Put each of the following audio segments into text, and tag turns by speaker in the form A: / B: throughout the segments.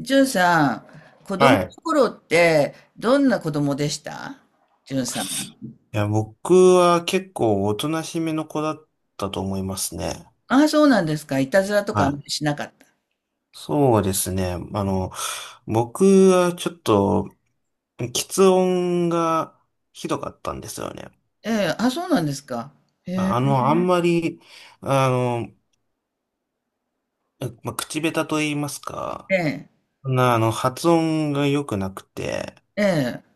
A: じゅんさん、子供
B: は
A: の
B: い。
A: 頃ってどんな子供でしたじゅんさん。
B: いや、僕は結構おとなしめの子だったと思いますね。
A: ああ、そうなんですか。いたずらとか
B: は
A: あんま
B: い。
A: りしなかった。
B: そうですね。僕はちょっと、喫音がひどかったんですよね。
A: ええ、あ、そうなんですか。へえ、
B: あんまり、あの、まあ、口下手と言いますか、
A: ええ、
B: そんな、発音が良くなくて、
A: ええ。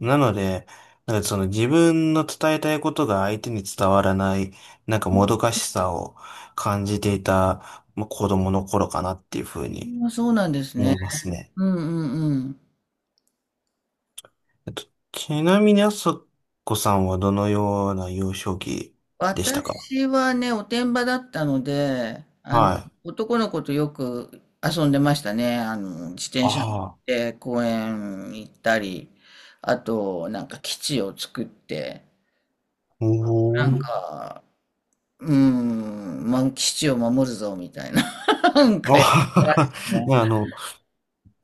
B: なので、なんかその自分の伝えたいことが相手に伝わらない、なんかもどかしさを感じていた、まあ、子供の頃かなっていうふうに
A: あ、そうなんです
B: 思
A: ね。
B: いますね。
A: うんうんうん。
B: えっと、ちなみにあさこさんはどのような幼少期でしたか？
A: 私はね、おてんばだったので、
B: はい。
A: 男の子とよく遊んでましたね。自転車乗っ
B: ああ、
A: て公園行ったり、あと、なんか基地を作って、
B: お
A: なん
B: お
A: か、基地を守るぞ、みたいな。なん
B: あ
A: か
B: は
A: やね。
B: ははあの、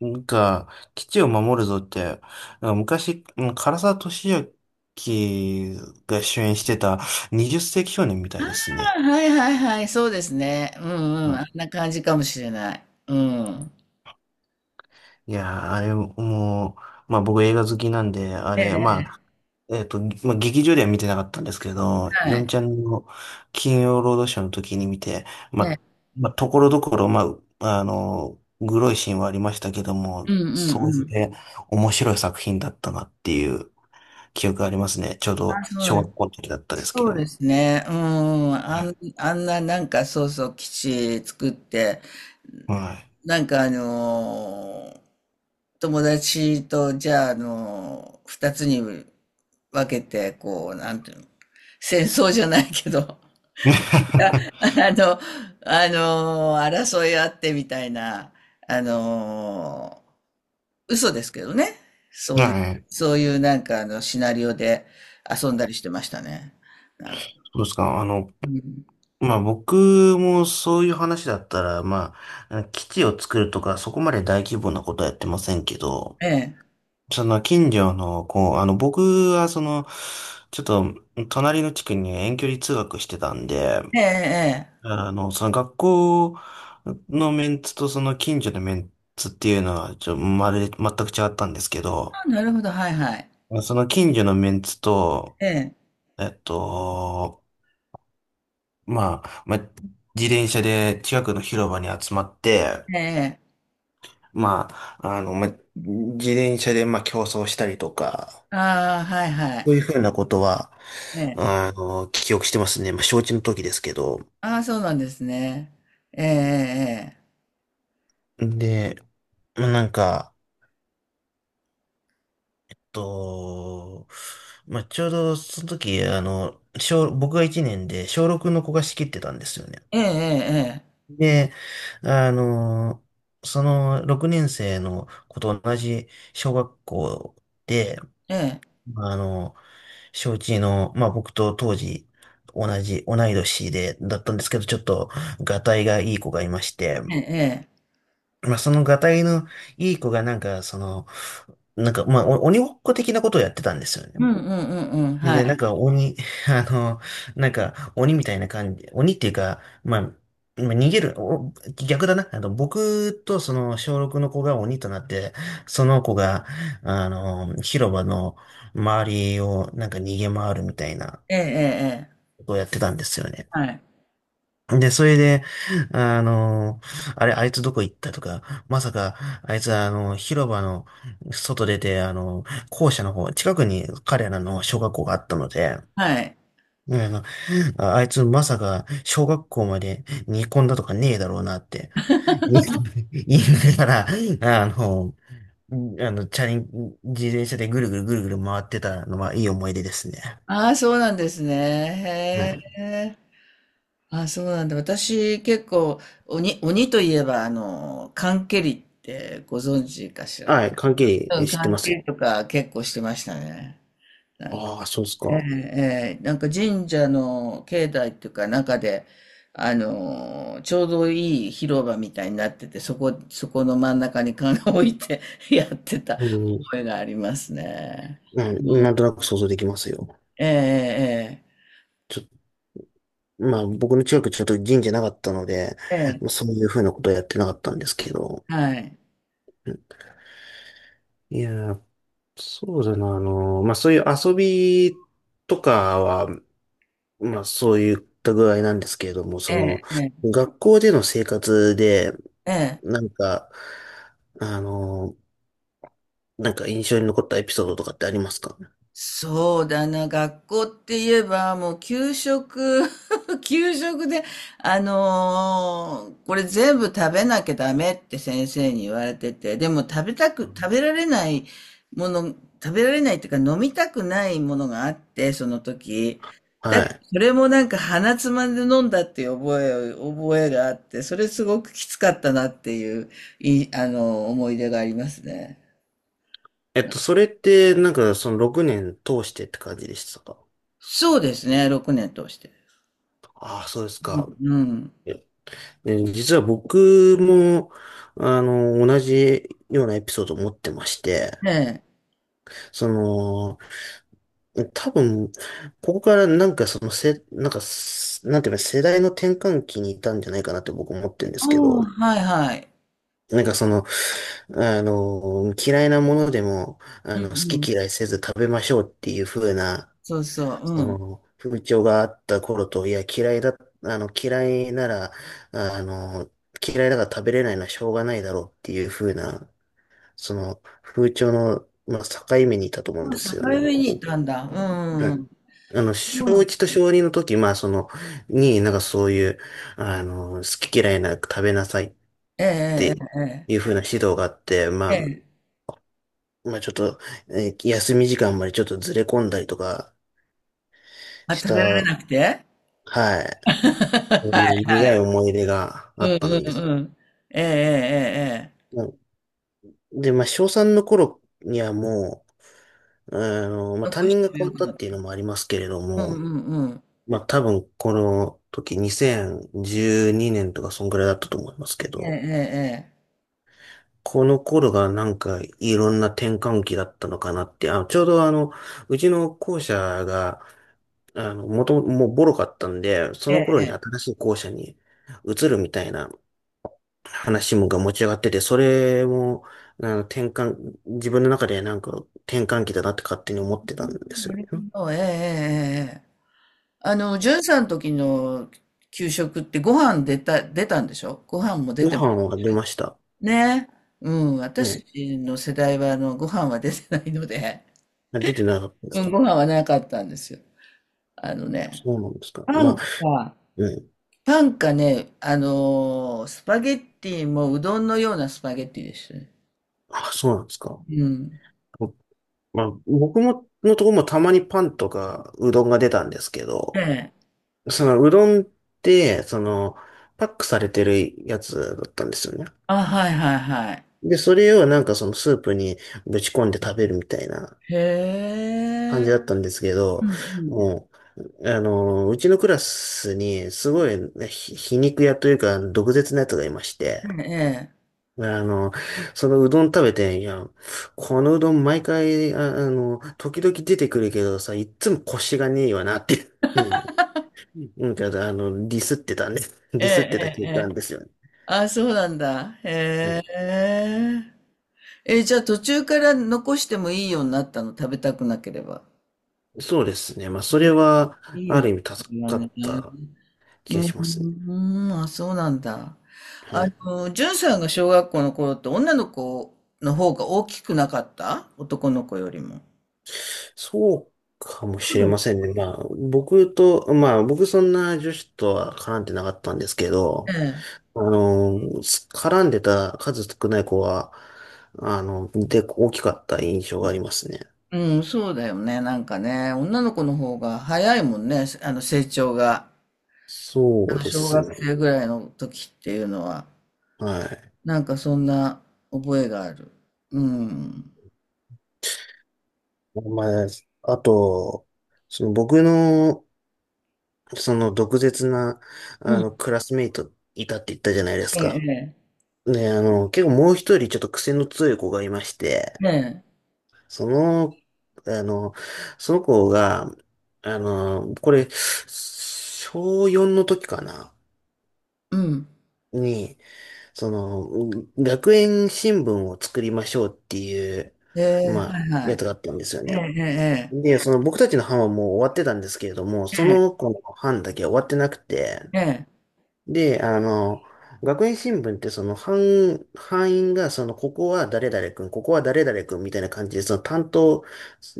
B: なんか、基地を守るぞって、なんか昔、唐沢寿明が主演してた20世紀少年みたいですね。
A: あ、はいはいはい、そうですね。うん
B: う
A: うん、あん
B: ん。
A: な感じかもしれない。うん。
B: いやー、あれ、もう、まあ僕映画好きなんで、あ
A: え
B: れ、ま
A: え、
B: あ、えっと、まあ劇場では見てなかったんですけど、
A: は
B: ヨン
A: い。
B: ちゃんの金曜ロードショーの時に見て、まあ、
A: え、
B: まあ、ところどころ、まあ、グロいシーンはありましたけど
A: う
B: も、
A: んうん
B: 総じ
A: うん。
B: て面白い作品だったなっていう記憶がありますね。ちょうど
A: あ、そうな
B: 小
A: んで
B: 学校の時だったで
A: す、
B: すけ
A: そ
B: ど
A: うで
B: も。
A: すね。うん、
B: はい。
A: なんか、そうそう、基地作って、
B: は
A: なんかあのー友達と、じゃあ、二つに分けて、こう、なんていうの、戦争じゃないけど、
B: い。
A: あ、の、あの、争いあってみたいな、あの嘘ですけどね。そういう、
B: はい。
A: そういうなんか、シナリオで遊んだりしてましたね。なん、
B: そうですか。
A: うん、
B: まあ僕もそういう話だったら、まあ、基地を作るとか、そこまで大規模なことはやってませんけど、
A: ええ、
B: その近所の、こう、あの僕はその、ちょっと隣の地区に遠距離通学してたんで、
A: ええ、ええ。
B: その学校のメンツとその近所のメンツっていうのは、まるで全く違ったんですけど、
A: あ、なるほど、はいはい。
B: その近所のメンツと、
A: ええ、
B: えっと、まあ、まあ、自転車で近くの広場に集まって、
A: ええ、ええ、
B: まあ、まあ、自転車で、まあ、競争したりとか、
A: ああ、はいは
B: そう
A: い。
B: いうふうなことは、
A: ええ、
B: 記憶してますね。まあ、承知の時ですけど。
A: ああ、そうなんですね。ええ、
B: で、まあ、なんか、と、まあ、ちょうどその時、僕が1年で小6の子が仕切ってたんですよね。
A: ええ、ええ、
B: で、あの、その6年生の子と同じ小学校で、
A: ええ、ええ、
B: まあの、小一の、まあ僕と当時同じ、同い年で、だったんですけど、ちょっと、がたいがいい子がいまして、
A: ええ、ええ、ええ、
B: まあそのがたいのいい子がなんか、その、なんか、まあお鬼ごっこ的なことをやってたんですよ
A: うん
B: ね。
A: うんうんうん、
B: で
A: は
B: ね、なん
A: い。
B: か鬼、あの、なんか鬼みたいな感じ、鬼っていうか、まあ、まあ逃げる、逆だな。僕とその小6の子が鬼となって、その子が、広場の周りをなんか逃げ回るみたいな
A: ええ、ええ、ええ、
B: ことをやってたんですよね。
A: はい。
B: で、それで、あの、あれ、あいつどこ行ったとか、まさか、あいつは広場の外出て、校舎の方、近くに彼らの小学校があったので、
A: はい。
B: ねえああいつまさか小学校まで煮込んだとかねえだろうなって 言いながら、あの、チャリン、自転車でぐるぐるぐるぐる回ってたのはいい思い出ですね。
A: ああ、そうなんですね。
B: はい。
A: へえ。ああ、そうなんだ。私、結構、鬼、鬼といえば、缶蹴りってご存知かしら。
B: はい、関係
A: うん、
B: 知って
A: 缶
B: ま
A: 蹴
B: すよ。
A: りとか結構してましたね。なんか、
B: ああ、そうです
A: え
B: か。
A: え、ええ、なんか神社の境内っていうか中で、ちょうどいい広場みたいになってて、そこ、そこの真ん中に缶を置いて やってた
B: うん、
A: 覚えがありますね。う
B: うん、
A: ん、
B: なんとなく想像できますよ。
A: ええ、
B: ちょ、まあ僕の近くちょっと神社なかったので、
A: ええ、え
B: そういうふうなことはやってなかったんですけど。
A: え、はい。
B: いやー、そうだな、まあ、そういう遊びとかは、まあ、そういった具合なんですけれども、
A: え
B: そ
A: え、
B: の、
A: ええ、
B: 学校での生活で、
A: ええ。
B: なんか、あの、なんか印象に残ったエピソードとかってありますか？
A: そうだな、学校って言えば、もう給食、給食で、これ全部食べなきゃダメって先生に言われてて、でも食べたく、食べられないもの、食べられないっていうか飲みたくないものがあって、その時。だ、
B: はい。
A: それもなんか鼻つまんで飲んだっていう覚え、覚えがあって、それすごくきつかったなっていう、い、思い出がありますね。
B: それって、なんか、その6年通してって感じでしたか？
A: そうですね、6年通して。
B: ああ、そうです
A: う
B: か。
A: ん
B: ええ、実は僕も、同じようなエピソードを持ってまして、
A: うん。ええ。
B: その、多分、ここからなんかそのせ、なんかす、なんていうの、世代の転換期にいたんじゃないかなって僕思ってるんで
A: あ
B: すけ
A: あ、
B: ど、
A: はいはい。
B: なんかその、嫌いなものでも、
A: うん
B: 好
A: うん。
B: き嫌いせず食べましょうっていう風な、
A: そうそう、う
B: そ
A: ん。
B: の、風潮があった頃と、いや、嫌いだ、嫌いなら、あの、嫌いだから食べれないのはしょうがないだろうっていう風な、その、風潮の、まあ、境目にいたと思うん
A: あ、
B: で
A: 境
B: すよね、なん
A: 目
B: か
A: にい
B: 僕。
A: たんだ。う
B: は
A: んう
B: い。
A: んうん。う
B: 小
A: ん。
B: 1と小2の時、まあ、なんかそういう、好き嫌いなく食べなさいっ
A: え
B: て
A: え
B: い
A: え
B: う風な指導があって、ま
A: ええ
B: あ、
A: え。ええ。
B: まあ、ちょっと、休み時間までちょっとずれ込んだりとか
A: まあ、
B: し
A: 食べら
B: た。
A: れなくて
B: はい。そういう苦い思い出があ
A: う
B: っ
A: ん
B: た
A: うん
B: んです。
A: うん。ええええええ。
B: まあ、で、まあ、小3の頃にはもう、まあ、
A: 残
B: 担
A: し
B: 任が
A: ても
B: 変
A: よ
B: わっ
A: く
B: た
A: な
B: っ
A: る、
B: ていうのもありますけれど
A: うんう
B: も、
A: んうん。
B: まあ、多分この時2012年とかそんぐらいだったと思いますけど、
A: えええ
B: この頃がなんかいろんな転換期だったのかなって、あ、ちょうどうちの校舎が、もともともうボロかったんで、そ
A: ええ
B: の
A: え。え
B: 頃
A: ええ
B: に
A: え。
B: 新しい校舎に移るみたいな話もが持ち上がってて、それも、自分の中でなんか転換期だなって勝手に思ってた
A: う
B: んで
A: ん、
B: す
A: な
B: よ
A: る
B: ね。
A: ほど。ええええええ。じゅんさんの時の給食ってご飯出た出たんでしょ？ご飯も出
B: ご
A: て
B: 飯は出ました。
A: ね、うん、
B: は
A: 私
B: い。
A: の世代はあのご飯は出てないので、
B: あ、出てなかったん です
A: うん、
B: か？
A: ご飯はなかったんですよ。あのね、
B: そうなんですか。
A: パ
B: ま
A: ン
B: あ、
A: か、
B: うん。
A: パンかね、スパゲッティもうどんのようなスパゲッティでしたね。
B: あ、そうなんですか。
A: うん。
B: まあ、僕も、のとこもたまにパンとかうどんが出たんですけ
A: え
B: ど、
A: え。
B: そのうどんって、その、パックされてるやつだったんですよね。
A: あ、はいはいはい。
B: で、それをなんかそのスープにぶち込んで食べるみたいな
A: へ
B: 感じ
A: え。
B: だったんですけ
A: う
B: ど、
A: ん
B: もう、うちのクラスにすごいね、皮肉屋というか毒舌なやつがいまして、
A: うん。ええ。
B: ね、そのうどん食べて、いや、このうどん毎回、時々出てくるけどさ、いっつも腰がねえよなっていうふうに、なんか、ディスってたね。デ
A: え
B: ィ
A: え、
B: スってた
A: ええ、
B: 経
A: え
B: 験
A: え。
B: ですよね。
A: あ、そうなんだ。
B: う
A: へ
B: ん。
A: え。え、じゃあ途中から残してもいいようになったの、食べたくなければ。
B: そうですね。まあ、それは、
A: いい
B: あ
A: よ
B: る
A: ね、
B: 意味
A: そ
B: 助
A: れは
B: か
A: ね。
B: った気
A: う
B: がしますね。
A: ん、あ、そうなんだ。
B: はい。
A: じゅんさんが小学校の頃って女の子の方が大きくなかった男の子よりも。
B: そうかもしれ
A: そ
B: ま
A: う
B: せんね。まあ、まあ、僕そんな女子とは絡んでなかったんですけ
A: だ
B: ど、
A: よね。
B: あの、絡んでた数少ない子は、大きかった印象がありますね。
A: うん、そうだよね。なんかね、女の子の方が早いもんね、あの成長が。
B: そ
A: あ
B: う
A: の
B: で
A: 小
B: す
A: 学
B: ね。
A: 生ぐらいの時っていうのは、
B: はい。
A: なんかそんな覚えがある。うん。
B: まあ、あと、その僕の、その毒舌な、
A: うん。
B: クラスメイトいたって言ったじゃないです
A: え
B: か。
A: え、
B: ね、結構もう一人ちょっと癖の強い子がいまして、
A: ええ、ええ、
B: その、あの、その子が、これ、小4の時かな、
A: うん。
B: に、その、学園新聞を作りましょうっていう、
A: ええ、
B: ま
A: は
B: あ、
A: いは
B: や
A: い。
B: つがあったんですよ
A: え
B: ね。
A: え、ええ、
B: で、その僕たちの班はもう終わってたんですけれども、そ
A: ええ。
B: の子の班だけ終わってなくて、
A: ええ、
B: で、学園新聞って班員がその、ここは誰々君、ここは誰々君みたいな感じで、その担当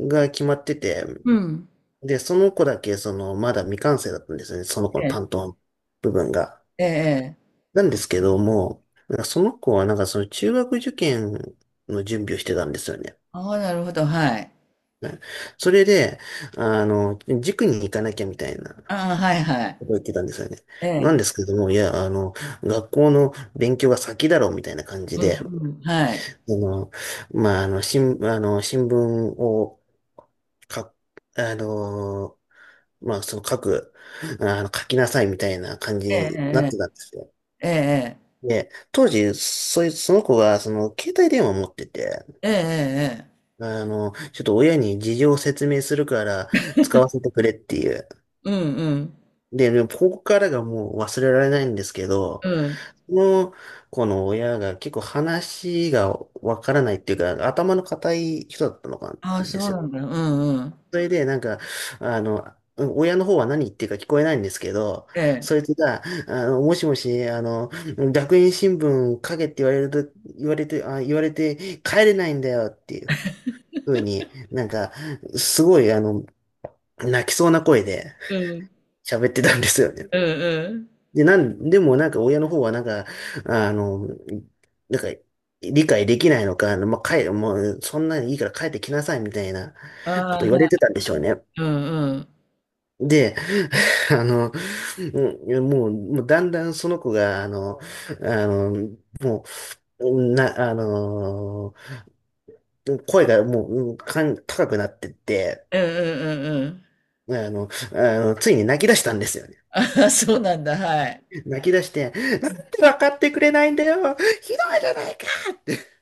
B: が決まってて、
A: うん、
B: で、その子だけその、まだ未完成だったんですよね、その子の
A: ええ、
B: 担当の部分が。
A: ええ、ええ、
B: なんですけども、なんかその子はなんかその中学受験の準備をしてたんですよね。
A: ああ、なるほど、はい。
B: ね、それで、塾に行かなきゃみたいなこ
A: ああ、はいはい。
B: とを言ってたんですよね。
A: え
B: なん
A: え、
B: ですけども、いや、学校の勉強が先だろうみたいな感じ
A: うん、
B: で、
A: うん、はい。
B: の、新聞を書あの、まあ、その書く、あの、書きなさいみたいな感じ
A: え
B: になっ
A: え、
B: てたんですよ。
A: ええ、ええ、
B: で、当時、その子が、その、携帯電話を持ってて、
A: ええ、ええ、ええ、
B: ちょっと親に事情を説明するから使わせてくれっていう。
A: うん、うん、
B: でもここからがもう忘れられないんですけど、
A: うん。
B: その子の親が結構話がわからないっていうか、頭の固い人だったのかん
A: ああ、
B: で
A: そう
B: すよ。
A: なんだ、うん、うん。
B: それで、なんか、あの、親の方は何言ってるか聞こえないんですけど、
A: ええ、
B: そいつが、もしもし、学園新聞書けって言われると、言われて、あ、言われて帰れないんだよっていうふうに、なんか、すごい、泣きそうな声で
A: うん、
B: 喋ってたんですよね。
A: うん、うん。
B: で、でもなんか親の方はなんか、あの、なんか理解できないのか、まあ、もうそんなにいいから帰ってきなさいみたいな
A: あ
B: こ
A: あ、
B: と
A: はい、
B: 言われてたんでしょうね。
A: うん、うん、うん、
B: で、あの、うんもう、もうだんだんその子が、あの、あの、もう、な、あの、声がもう、うんかん、高くなってって、
A: うん、うん。
B: あの、ついに泣き出したんですよね。
A: ああ、そうなんだ、はい。
B: 泣き出して、なんで分かってくれないんだよ、ひどいじゃないかって、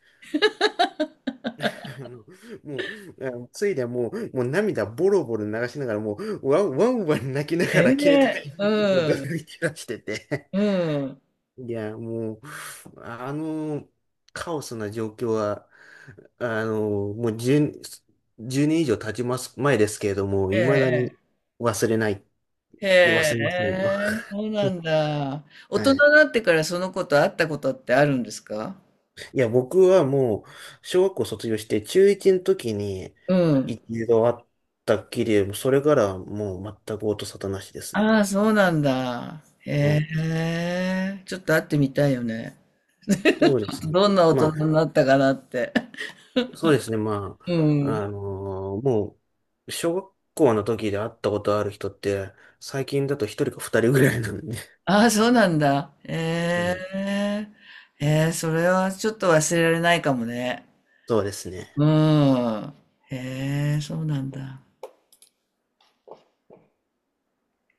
B: あの、もう、あのついでもう、もう涙ボロボロ流しながら、もう、ワンワンワン泣きなが
A: え
B: ら携
A: え、
B: 帯に もうど
A: うん、
B: いてらしてて、
A: うん、
B: いや、もう、あの、カオスな状況は、もう10、年以上経ちます、前ですけれども、
A: ええ、
B: 未だ
A: え
B: に
A: え。
B: 忘れない、
A: へ
B: 忘れませんよ。
A: え、そうな んだ。大人
B: は
A: に
B: い。
A: なってからその子と会ったことってあるんですか？
B: いや、僕はもう、小学校卒業して中1の時に
A: うん。
B: 一度会ったっきり、それからはもう全く音沙汰なしですね。
A: ああ、そうなんだ。
B: う
A: へ
B: ん、
A: え、ちょっと会ってみたいよね。
B: そうですね。
A: どんな大
B: まあ、
A: 人になったかなって。
B: そうですね。ま
A: う
B: あ、
A: ん。
B: あのーもう、小学校の時で会ったことある人って、最近だと一人か二人ぐらいなんで。
A: ああ、そうなんだ。
B: う
A: へ
B: ん、
A: え、へえ、それはちょっと忘れられないかもね。
B: そうです
A: う
B: ね。
A: ん。へえ、そうなんだ。